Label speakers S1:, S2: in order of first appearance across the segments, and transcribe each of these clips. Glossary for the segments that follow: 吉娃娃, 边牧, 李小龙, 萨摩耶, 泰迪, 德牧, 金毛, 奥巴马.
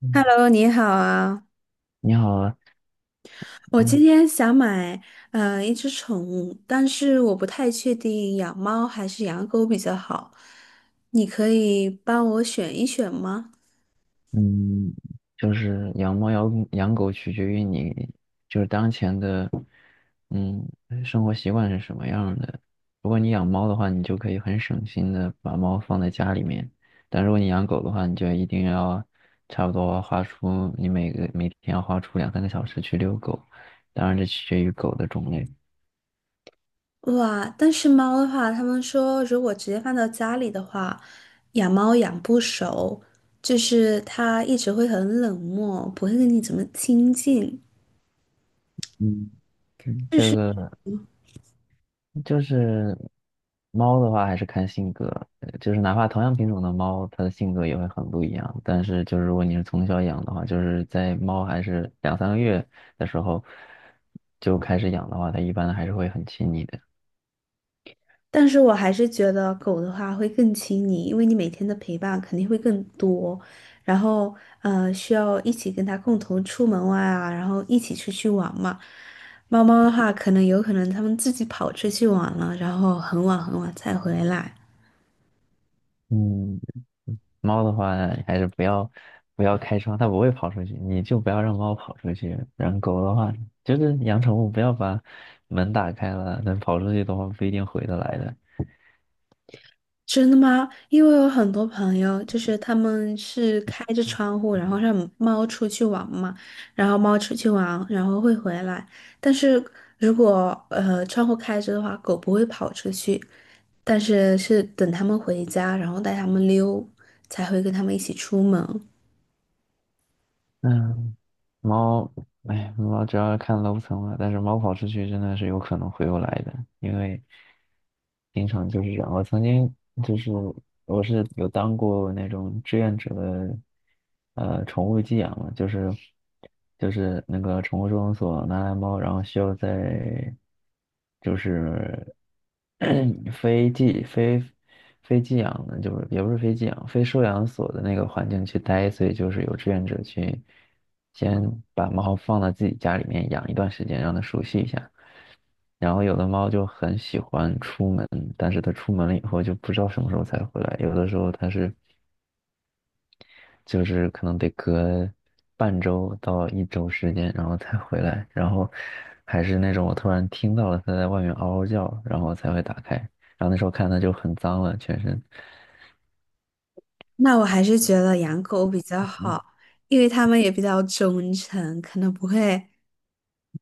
S1: 嗯，
S2: Hello，你好啊！
S1: 你好啊，
S2: 我今
S1: 嗯
S2: 天想买一只宠物，但是我不太确定养猫还是养狗比较好。你可以帮我选一选吗？
S1: 嗯，就是养猫养狗取决于你就是当前的嗯生活习惯是什么样的。如果你养猫的话，你就可以很省心的把猫放在家里面；但如果你养狗的话，你就一定要差不多花出你每天要花出两三个小时去遛狗。当然，这取决于狗的种类。
S2: 哇，但是猫的话，他们说如果直接放到家里的话，养猫养不熟，就是它一直会很冷漠，不会跟你怎么亲近。
S1: 嗯，
S2: 就
S1: 这
S2: 是。
S1: 个。就是猫的话，还是看性格，就是哪怕同样品种的猫，它的性格也会很不一样。但是，就是如果你是从小养的话，就是在猫还是两三个月的时候就开始养的话，它一般还是会很亲你的。
S2: 但是我还是觉得狗的话会更亲你，因为你每天的陪伴肯定会更多，然后需要一起跟它共同出门玩啊，然后一起出去玩嘛。猫猫的话，可能有可能它们自己跑出去玩了，然后很晚很晚才回来。
S1: 嗯，猫的话还是不要开窗，它不会跑出去，你就不要让猫跑出去。然后狗的话，就是养宠物不要把门打开了，但跑出去的话不一定回得来的。
S2: 真的吗？因为我有很多朋友，就是他们是开着窗户，然后让猫出去玩嘛，然后猫出去玩，然后会回来。但是如果窗户开着的话，狗不会跑出去，但是是等他们回家，然后带他们溜，才会跟他们一起出门。
S1: 嗯。猫，哎，猫主要是看楼层了，但是猫跑出去真的是有可能回不来的，因为经常就是这样。我曾经就是我是有当过那种志愿者的，宠物寄养嘛，就是那个宠物收容所拿来猫，然后需要在就是 非寄非非寄养的，就是也不是非寄养，非收养所的那个环境去待，所以就是有志愿者去先把猫放到自己家里面养一段时间，让它熟悉一下。然后有的猫就很喜欢出门，但是它出门了以后就不知道什么时候才回来，有的时候它是。就是可能得隔半周到一周时间，然后才回来，然后还是那种我突然听到了它在外面嗷嗷叫，然后才会打开，然后那时候看它就很脏了，全身。
S2: 那我还是觉得养狗比较好，因为它们也比较忠诚，可能不会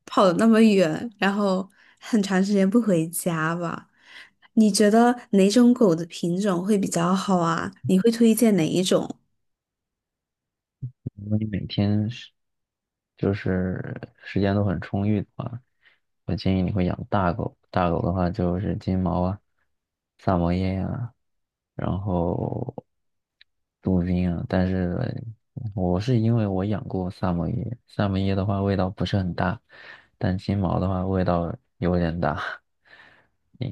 S2: 跑的那么远，然后很长时间不回家吧。你觉得哪种狗的品种会比较好啊？你会推荐哪一种？
S1: 如果你每天是就是时间都很充裕的话，我建议你会养大狗。大狗的话就是金毛啊、萨摩耶呀，然后杜宾啊。但是我是因为我养过萨摩耶，萨摩耶的话味道不是很大，但金毛的话味道有点大。嗯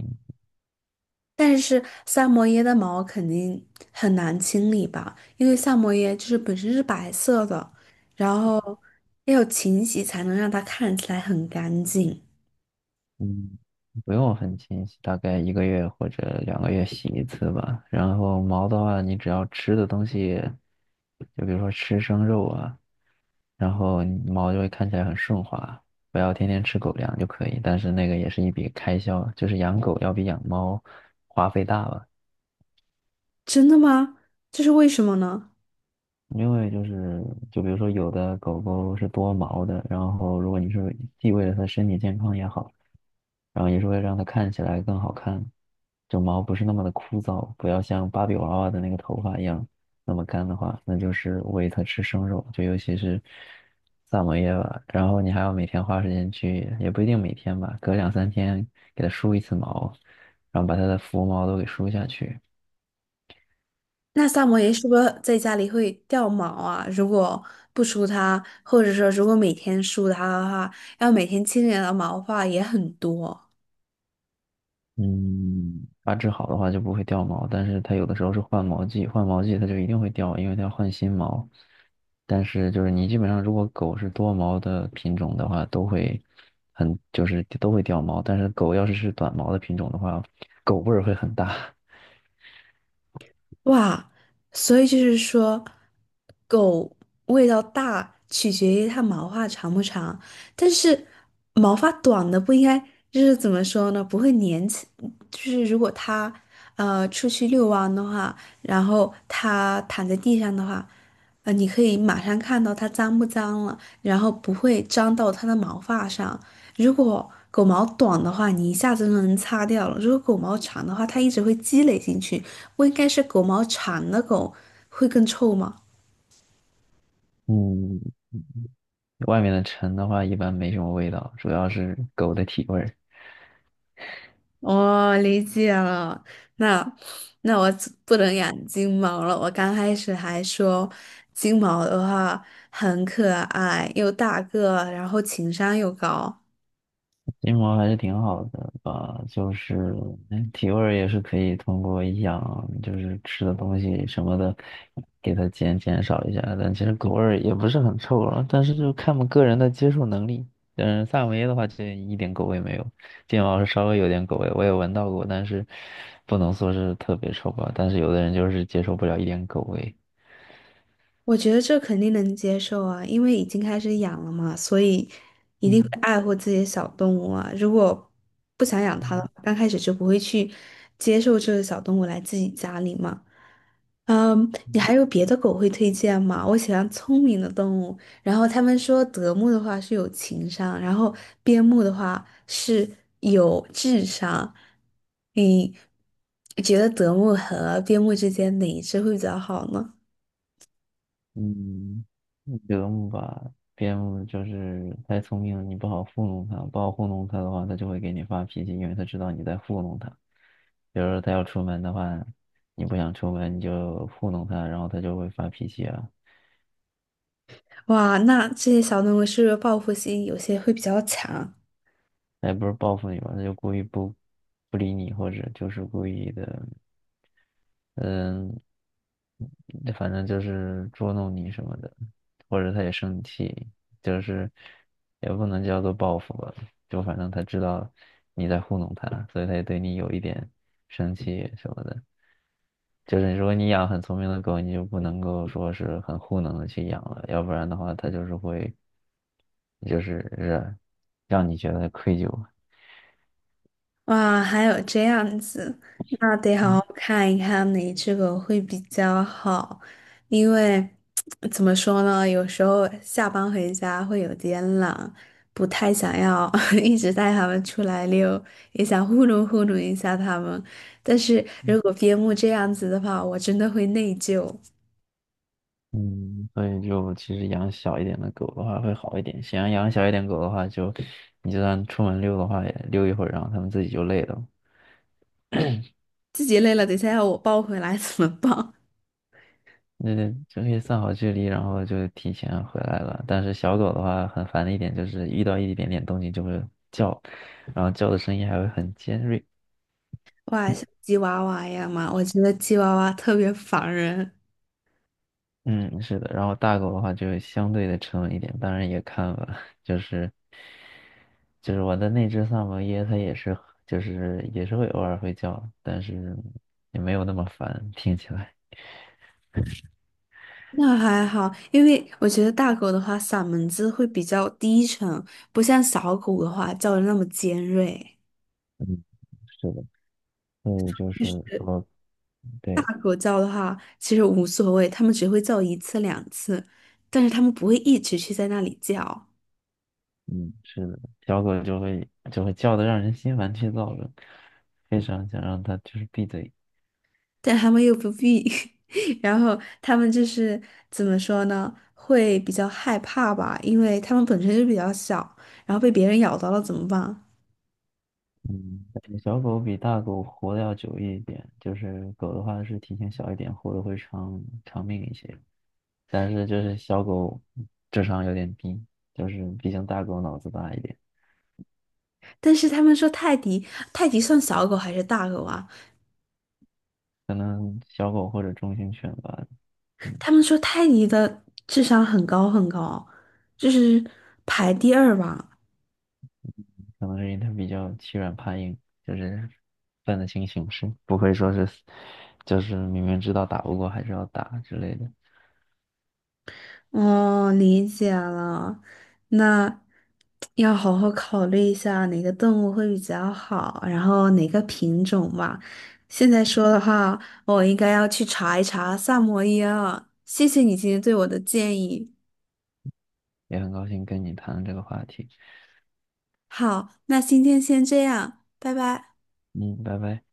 S2: 但是萨摩耶的毛肯定很难清理吧，因为萨摩耶就是本身是白色的，然后要有勤洗才能让它看起来很干净。
S1: 嗯，不用很勤洗，大概一个月或者两个月洗一次吧。然后毛的话，你只要吃的东西，就比如说吃生肉啊，然后你毛就会看起来很顺滑。不要天天吃狗粮就可以，但是那个也是一笔开销，就是养狗要比养猫花费大吧。
S2: 真的吗？这是为什么呢？
S1: 因为就是，就比如说有的狗狗是多毛的，然后如果你是既为了它身体健康也好，然后也是为了让它看起来更好看，就毛不是那么的枯燥，不要像芭比娃娃的那个头发一样那么干的话，那就是喂它吃生肉，就尤其是萨摩耶吧。然后你还要每天花时间去，也不一定每天吧，隔两三天给它梳一次毛，然后把它的浮毛都给梳下去。
S2: 那萨摩耶是不是在家里会掉毛啊？如果不梳它，或者说如果每天梳它的话，要每天清理的毛发也很多
S1: 嗯，把治好的话就不会掉毛，但是它有的时候是换毛季，换毛季它就一定会掉，因为它要换新毛。但是就是你基本上如果狗是多毛的品种的话，都会很就是都会掉毛，但是狗要是是短毛的品种的话，狗味儿会很大。
S2: 哇。所以就是说，狗味道大取决于它毛发长不长，但是毛发短的不应该就是怎么说呢？不会粘起，就是如果它出去遛弯的话，然后它躺在地上的话，你可以马上看到它脏不脏了。然后不会粘到它的毛发上。如果狗毛短的话，你一下子就能擦掉了；如果狗毛长的话，它一直会积累进去。不应该是狗毛长的狗会更臭吗？
S1: 嗯，外面的尘的话一般没什么味道，主要是狗的体味儿。
S2: 哦，理解了。那那我只不能养金毛了。我刚开始还说金毛的话很可爱，又大个，然后情商又高。
S1: 金毛还是挺好的吧，就是体味儿也是可以通过养，就是吃的东西什么的，给它减少一下。但其实狗味儿也不是很臭了，但是就看我们个人的接受能力。嗯，萨摩耶的话就一点狗味没有，金毛是稍微有点狗味，我也闻到过，但是不能说是特别臭吧。但是有的人就是接受不了一点狗味。
S2: 我觉得这肯定能接受啊，因为已经开始养了嘛，所以一定会
S1: 嗯
S2: 爱护自己的小动物啊。如果不想养它的话，
S1: 嗯
S2: 刚开始就不会去接受这个小动物来自己家里嘛。嗯，你还有别的狗会推荐吗？我喜欢聪明的动物，然后他们说德牧的话是有情商，然后边牧的话是有智商。你觉得德牧和边牧之间哪一只会比较好呢？
S1: 嗯，德牧吧，边牧就是太聪明了，你不好糊弄它，不好糊弄它的话，它就会给你发脾气，因为它知道你在糊弄它。比如说它要出门的话，你不想出门，你就糊弄它，然后它就会发脾气啊。
S2: 哇，那这些小动物是不是报复心有些会比较强？
S1: 它也不是报复你吧，它就故意不理你，或者就是故意的，嗯，反正就是捉弄你什么的，或者他也生气，就是也不能叫做报复吧，就反正他知道你在糊弄他，所以他也对你有一点生气什么的。就是如果你养很聪明的狗，你就不能够说是很糊弄的去养了，要不然的话，它就是会，就是让你觉得愧疚。
S2: 哇，还有这样子，那得好
S1: 嗯
S2: 好看一看哪只狗会比较好，因为 怎么说呢，有时候下班回家会有点懒，不太想要 一直带它们出来溜，也想糊弄糊弄一下它们。但是如果边牧这样子的话，我真的会内疚，
S1: 嗯，所以就其实养小一点的狗的话会好一点。想要养小一点狗的话就，你就算出门溜的话，也溜一会儿，然后它们自己就累了。
S2: 自己累了，等一下要我抱回来怎么办？
S1: 那就可以算好距离，然后就提前回来了。但是小狗的话，很烦的一点就是遇到一点点动静就会叫，然后叫的声音还会很尖锐。
S2: 哇，像吉娃娃一样嘛，我觉得吉娃娃特别烦人。
S1: 嗯，是的，然后大狗的话就相对的沉稳一点，当然也看了，就是就是我的那只萨摩耶，它也是就是也是会偶尔会叫，但是也没有那么烦，听起来。
S2: 那还好，因为我觉得大狗的话，嗓门子会比较低沉，不像小狗的话叫的那么尖锐。
S1: 嗯，是的，所以就
S2: 就
S1: 是
S2: 是
S1: 说，
S2: 大
S1: 对，
S2: 狗叫的话，其实无所谓，它们只会叫一次两次，但是它们不会一直去在那里叫，
S1: 嗯，是的，小狗就会叫的让人心烦气躁的，非常想让它就是闭嘴。
S2: 但它们又不必，然后它们就是怎么说呢，会比较害怕吧，因为它们本身就比较小，然后被别人咬到了怎么办？
S1: 嗯，小狗比大狗活的要久一点，就是狗的话是体型小一点，活的会长长命一些。但是就是小狗智商有点低，就是毕竟大狗脑子大一点，
S2: 但是他们说泰迪，泰迪算小狗还是大狗啊？
S1: 可能小狗或者中型犬吧，嗯，
S2: 他们说泰迪的智商很高很高，就是排第二吧。
S1: 可能是因为它比较欺软怕硬，就是分得清形势，不会说是就是明明知道打不过还是要打之类的。
S2: 哦，理解了，那要好好考虑一下哪个动物会比较好，然后哪个品种吧。现在说的话，我应该要去查一查萨摩耶了。谢谢你今天对我的建议。
S1: 也很高兴跟你谈论这个话题，
S2: 好，那今天先这样，拜拜。
S1: 嗯，拜拜。